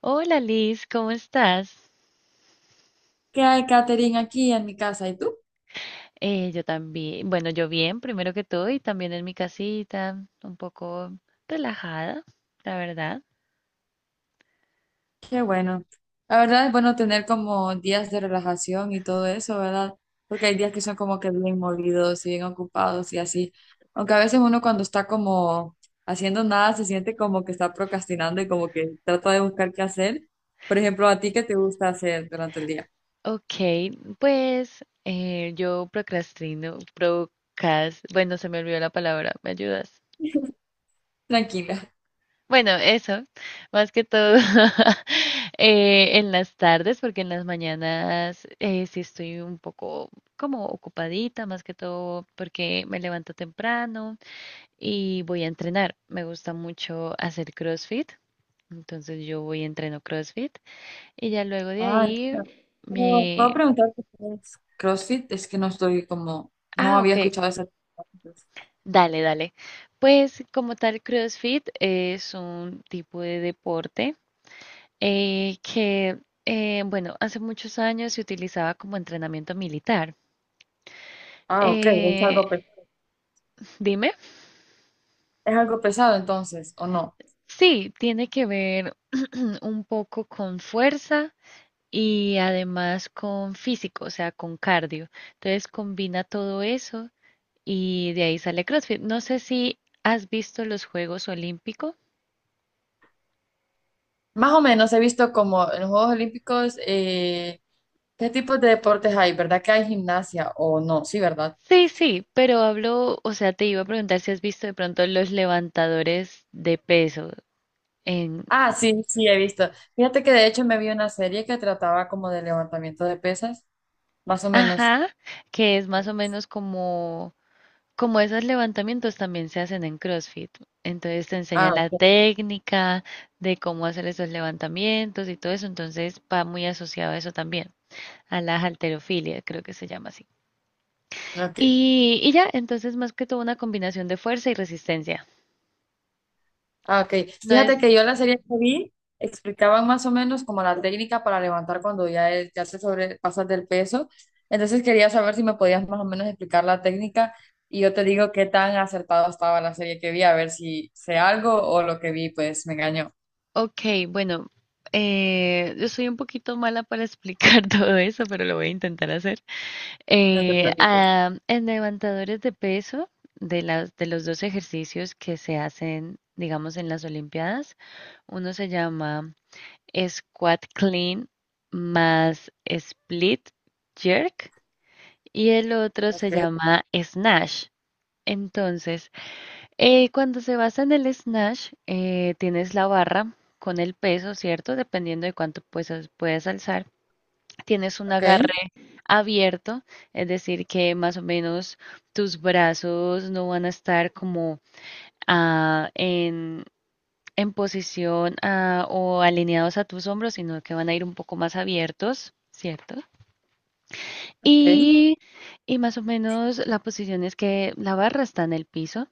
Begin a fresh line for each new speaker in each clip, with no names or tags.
Hola Liz, ¿cómo estás?
Que hay catering aquí en mi casa. ¿Y tú?
Yo también, bueno, yo bien, primero que todo, y también en mi casita, un poco relajada, la verdad.
Qué bueno. La verdad es bueno tener como días de relajación y todo eso, ¿verdad? Porque hay días que son como que bien movidos y bien ocupados y así. Aunque a veces uno cuando está como haciendo nada se siente como que está procrastinando y como que trata de buscar qué hacer. Por ejemplo, ¿a ti qué te gusta hacer durante el día?
Ok, pues yo procrastino, bueno, se me olvidó la palabra, ¿me ayudas?
Tranquila.
Bueno, eso, más que todo en las tardes, porque en las mañanas sí estoy un poco como ocupadita, más que todo porque me levanto temprano. Y voy a entrenar. Me gusta mucho hacer CrossFit, entonces yo voy y entreno CrossFit y ya luego de
Ah,
ahí.
entiendo. Pero puedo
me...
preguntarte qué es CrossFit, es que no estoy como, no
Ah,
había
ok,
escuchado esa.
dale, dale. Pues como tal, CrossFit es un tipo de deporte eh, que, bueno, hace muchos años se utilizaba como entrenamiento militar.
Ah, ok, es
Eh,
algo pequeño.
Dime,
Es algo pesado entonces, ¿o no?
sí, tiene que ver un poco con fuerza y además con físico, o sea, con cardio. Entonces combina todo eso y de ahí sale CrossFit. No sé si has visto los Juegos Olímpicos.
Más o menos he visto como en los Juegos Olímpicos, ¿qué tipos de deportes hay? ¿Verdad que hay gimnasia o no? Sí, ¿verdad?
Sí, sí, pero hablo, o sea, te iba a preguntar si has visto de pronto los levantadores de peso en,
Ah, sí, sí, he visto. Fíjate que de hecho me vi una serie que trataba como de levantamiento de pesas, más o menos.
ajá, que es más o menos como esos levantamientos también se hacen en CrossFit. Entonces te
Ah,
enseñan la
ok.
técnica de cómo hacer esos levantamientos y todo eso, entonces va muy asociado a eso también, a la halterofilia, creo que se llama así.
Ok.
Y ya, entonces más que todo una combinación de fuerza y resistencia.
Ah, ok.
No es,
Fíjate que yo la serie que vi explicaban más o menos como la técnica para levantar cuando ya, ya te sobrepasas del peso. Entonces quería saber si me podías más o menos explicar la técnica y yo te digo qué tan acertado estaba la serie que vi, a ver si sé algo o lo que vi pues me engañó.
ok, bueno, yo soy un poquito mala para explicar todo eso, pero lo voy a intentar hacer.
No te preocupes.
En levantadores de peso, de los dos ejercicios que se hacen, digamos, en las Olimpiadas, uno se llama squat clean más split jerk y el otro se
Ok,
llama snatch. Entonces, cuando se basa en el snatch, tienes la barra con el peso, ¿cierto? Dependiendo de cuánto puedas alzar. Tienes un
ok,
agarre abierto, es decir, que más o menos tus brazos no van a estar como ah, en, en posición o alineados a tus hombros, sino que van a ir un poco más abiertos, ¿cierto?
ok.
Y, y más o menos la posición es que la barra está en el piso.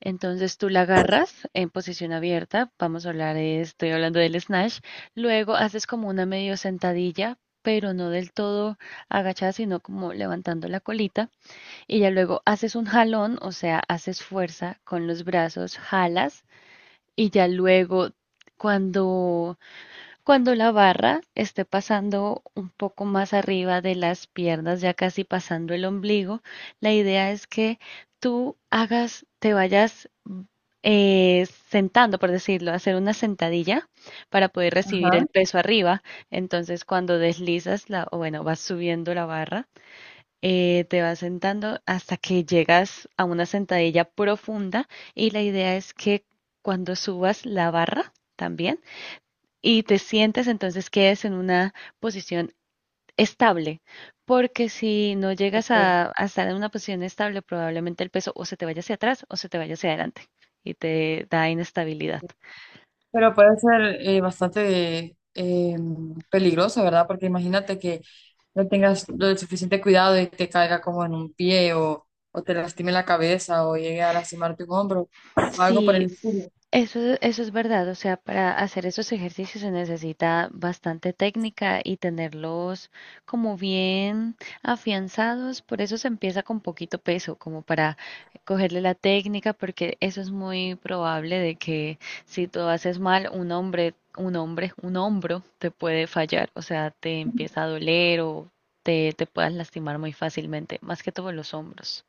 Entonces tú la agarras en posición abierta, vamos a hablar, estoy hablando del snatch, luego haces como una medio sentadilla, pero no del todo agachada, sino como levantando la colita, y ya luego haces un jalón, o sea, haces fuerza con los brazos, jalas, y ya luego cuando cuando la barra esté pasando un poco más arriba de las piernas, ya casi pasando el ombligo, la idea es que te vayas sentando, por decirlo, hacer una sentadilla para poder recibir
Ajá.
el peso arriba. Entonces, cuando deslizas la, o bueno, vas subiendo la barra, te vas sentando hasta que llegas a una sentadilla profunda y la idea es que cuando subas la barra también y te sientes, entonces quedes en una posición estable, porque si no llegas
Ok.
a estar en una posición estable, probablemente el peso o se te vaya hacia atrás o se te vaya hacia adelante y te da inestabilidad.
Pero puede ser bastante peligroso, ¿verdad? Porque imagínate que no tengas lo suficiente cuidado y te caiga como en un pie o te lastime la cabeza o llegue a lastimarte un hombro o algo por
Sí,
el estilo.
eso es verdad, o sea, para hacer esos ejercicios se necesita bastante técnica y tenerlos como bien afianzados, por eso se empieza con poquito peso, como para cogerle la técnica, porque eso es muy probable de que si tú haces mal, un hombro te puede fallar, o sea, te empieza a doler o te puedas lastimar muy fácilmente, más que todo los hombros.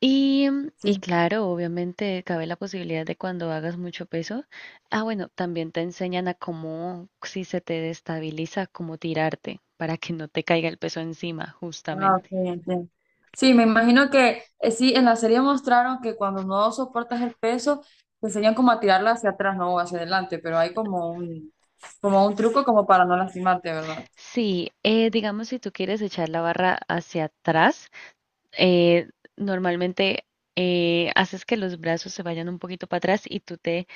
Y, y
Sí,
claro, obviamente cabe la posibilidad de cuando hagas mucho peso. Ah, bueno, también te enseñan a cómo, si se te destabiliza, cómo tirarte para que no te caiga el peso encima,
ah, ok,
justamente.
entiendo. Sí, me imagino que sí, en la serie mostraron que cuando no soportas el peso, te enseñan como a tirarla hacia atrás, no hacia adelante, pero hay como un truco como para no lastimarte, ¿verdad?
Sí, digamos si tú quieres echar la barra hacia atrás, eh, normalmente haces que los brazos se vayan un poquito para atrás y tú te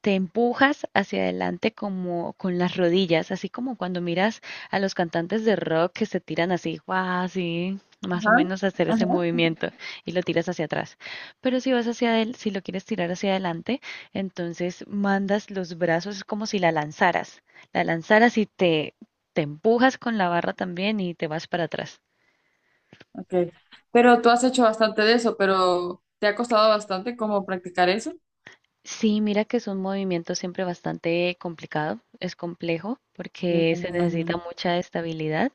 te empujas hacia adelante como con las rodillas, así como cuando miras a los cantantes de rock que se tiran así, guau, así, más o
Ajá,
menos hacer ese
ajá.
movimiento y lo tiras hacia atrás. Pero si lo quieres tirar hacia adelante, entonces mandas los brazos, es como si la lanzaras, la lanzaras y te empujas con la barra también y te vas para atrás.
Okay. Pero tú has hecho bastante de eso, pero ¿te ha costado bastante como practicar eso?
Sí, mira que es un movimiento siempre bastante complicado, es complejo
Sí,
porque
me
se necesita
imagino.
mucha estabilidad.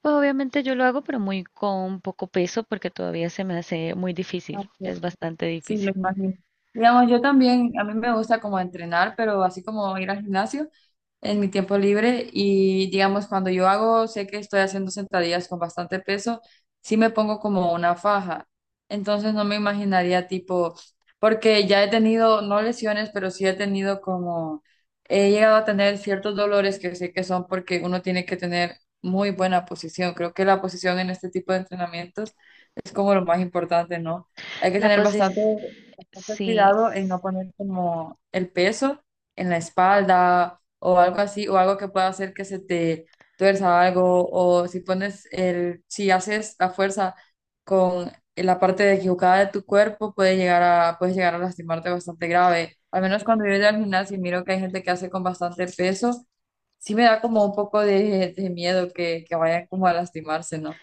Pues obviamente yo lo hago, pero muy con poco peso porque todavía se me hace muy difícil, es bastante
Sí, lo
difícil.
imagino. Digamos, yo también, a mí me gusta como entrenar, pero así como ir al gimnasio en mi tiempo libre y digamos, cuando yo hago, sé que estoy haciendo sentadillas con bastante peso, sí me pongo como una faja. Entonces no me imaginaría tipo, porque ya he tenido, no lesiones, pero sí he tenido como, he llegado a tener ciertos dolores que sé que son porque uno tiene que tener muy buena posición. Creo que la posición en este tipo de entrenamientos es como lo más importante, ¿no? Hay que
La
tener
posición,
bastante
sí,
cuidado en no poner como el peso en la espalda o algo así, o algo que pueda hacer que se te tuerza algo, o si pones el, si haces la fuerza con la parte equivocada de tu cuerpo, puede llegar a, puedes llegar a lastimarte bastante grave. Al menos cuando yo voy al gimnasio y miro que hay gente que hace con bastante peso, sí me da como un poco de miedo que vayan como a lastimarse, ¿no?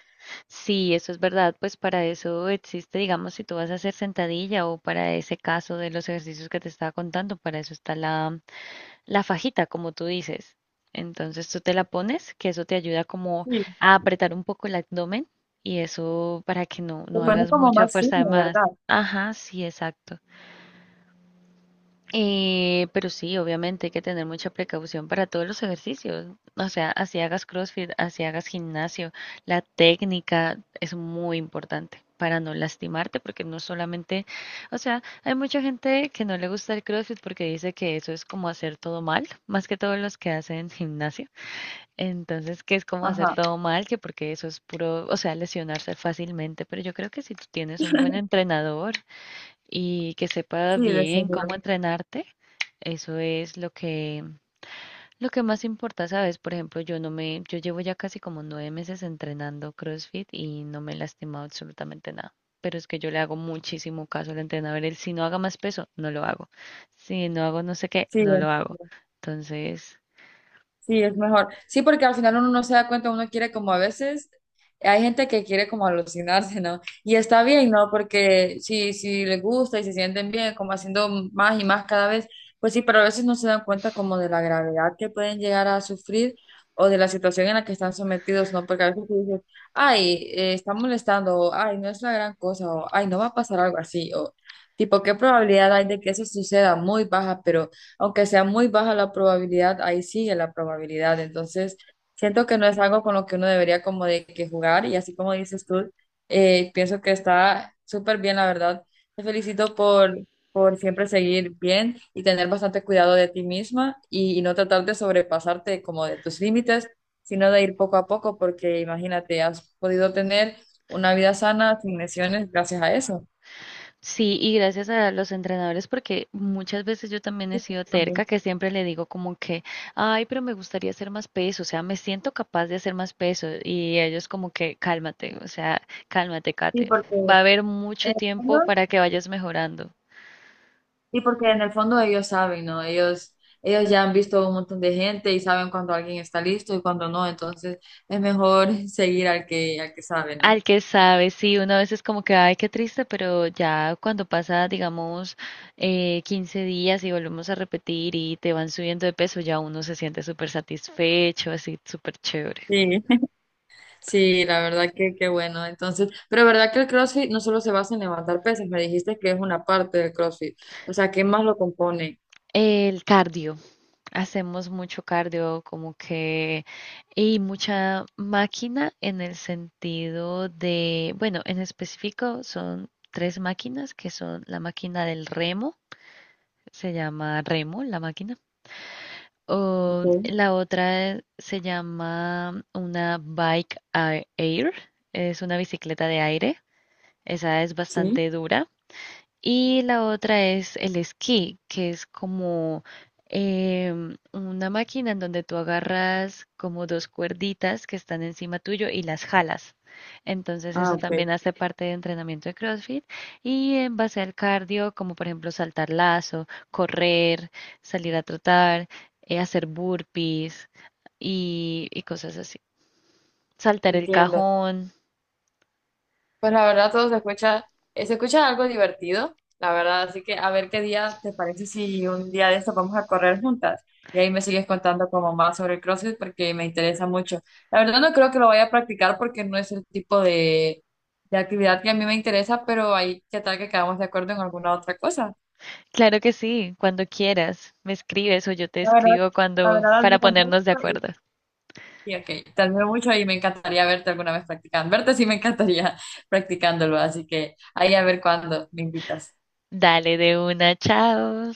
sí, eso es verdad, pues para eso existe, digamos, si tú vas a hacer sentadilla o para ese caso de los ejercicios que te estaba contando, para eso está la fajita, como tú dices. Entonces tú te la pones, que eso te ayuda como a apretar un poco el abdomen y eso para que no,
Se
no
pone
hagas
como
mucha
más
fuerza de
fino,
más.
¿verdad?
Ajá, sí, exacto. Pero sí, obviamente hay que tener mucha precaución para todos los ejercicios. O sea, así hagas CrossFit, así hagas gimnasio, la técnica es muy importante para no lastimarte, porque no solamente, o sea, hay mucha gente que no le gusta el CrossFit porque dice que eso es como hacer todo mal, más que todos los que hacen gimnasio. Entonces, que es como hacer
Ajá,
todo mal, que porque eso es puro, o sea, lesionarse fácilmente, pero yo creo que si tú tienes un buen entrenador, y que sepa
sí, de
bien
señor.
cómo entrenarte, eso es lo que más importa, ¿sabes? Por ejemplo, yo no me, yo llevo ya casi como 9 meses entrenando CrossFit y no me he lastimado absolutamente nada. Pero es que yo le hago muchísimo caso al entrenador. Él, si no haga más peso, no lo hago. Si no hago no sé qué,
Sí,
no lo hago. Entonces,
sí, es mejor. Sí, porque al final uno no se da cuenta, uno quiere como a veces, hay gente que quiere como alucinarse, ¿no? Y está bien, ¿no? Porque si, si les gusta y se sienten bien, como haciendo más y más cada vez, pues sí, pero a veces no se dan cuenta como de la gravedad que pueden llegar a sufrir o de la situación en la que están sometidos, ¿no? Porque a veces tú dices, ay, está molestando, o ay, no es la gran cosa, o ay, no va a pasar algo así, o tipo, ¿qué probabilidad hay de que eso suceda? Muy baja, pero aunque sea muy baja la probabilidad, ahí sigue la probabilidad. Entonces, siento que no es algo con lo que uno debería como de que jugar y así como dices tú, pienso que está súper bien, la verdad. Te felicito por siempre seguir bien y tener bastante cuidado de ti misma y no tratar de sobrepasarte como de tus límites, sino de ir poco a poco, porque imagínate, has podido tener una vida sana sin lesiones gracias a eso
sí, y gracias a los entrenadores, porque muchas veces yo también he sido terca,
también.
que siempre le digo como que, ay, pero me gustaría hacer más peso, o sea, me siento capaz de hacer más peso, y ellos como que, cálmate, o sea, cálmate,
Sí,
Kate,
porque
va
en
a haber mucho
el fondo
tiempo para que vayas mejorando.
Sí, porque en el fondo ellos saben, ¿no? Ellos ya han visto un montón de gente y saben cuando alguien está listo y cuando no, entonces es mejor seguir al que sabe, ¿no?
Al que sabe, sí, una vez es como que, ay, qué triste, pero ya cuando pasa, digamos, 15 días y volvemos a repetir y te van subiendo de peso, ya uno se siente súper satisfecho, así, súper chévere.
Sí. Sí, la verdad que qué bueno. Entonces, pero verdad que el CrossFit no solo se basa en levantar pesas, me dijiste que es una parte del CrossFit. O sea, ¿qué más lo compone?
El cardio. Hacemos mucho cardio, como que, y mucha máquina en el sentido de, bueno, en específico son tres máquinas que son la máquina del remo, se llama remo la máquina,
Ok,
o la otra se llama una bike air, es una bicicleta de aire, esa es
sí.
bastante dura y la otra es el esquí, que es como una máquina en donde tú agarras como dos cuerditas que están encima tuyo y las jalas. Entonces
Ah,
eso
ok.
también hace parte de entrenamiento de CrossFit y en base al cardio, como por ejemplo saltar lazo, correr, salir a trotar, hacer burpees y cosas así. Saltar el
Entiendo.
cajón.
Pues la verdad todo se escucha algo divertido, la verdad. Así que a ver qué día te parece si un día de estos vamos a correr juntas. Y ahí me sigues contando como más sobre el CrossFit porque me interesa mucho. La verdad no creo que lo vaya a practicar porque no es el tipo de actividad que a mí me interesa, pero ahí qué tal que quedamos de acuerdo en alguna otra cosa.
Claro que sí, cuando quieras, me escribes o yo te
La verdad,
escribo
la
cuando
verdad
para
admiro mucho
ponernos de
y,
acuerdo.
sí ok, te admiro mucho y me encantaría verte alguna vez practicando. Verte sí me encantaría practicándolo, así que ahí a ver cuándo me invitas.
Dale de una, chao.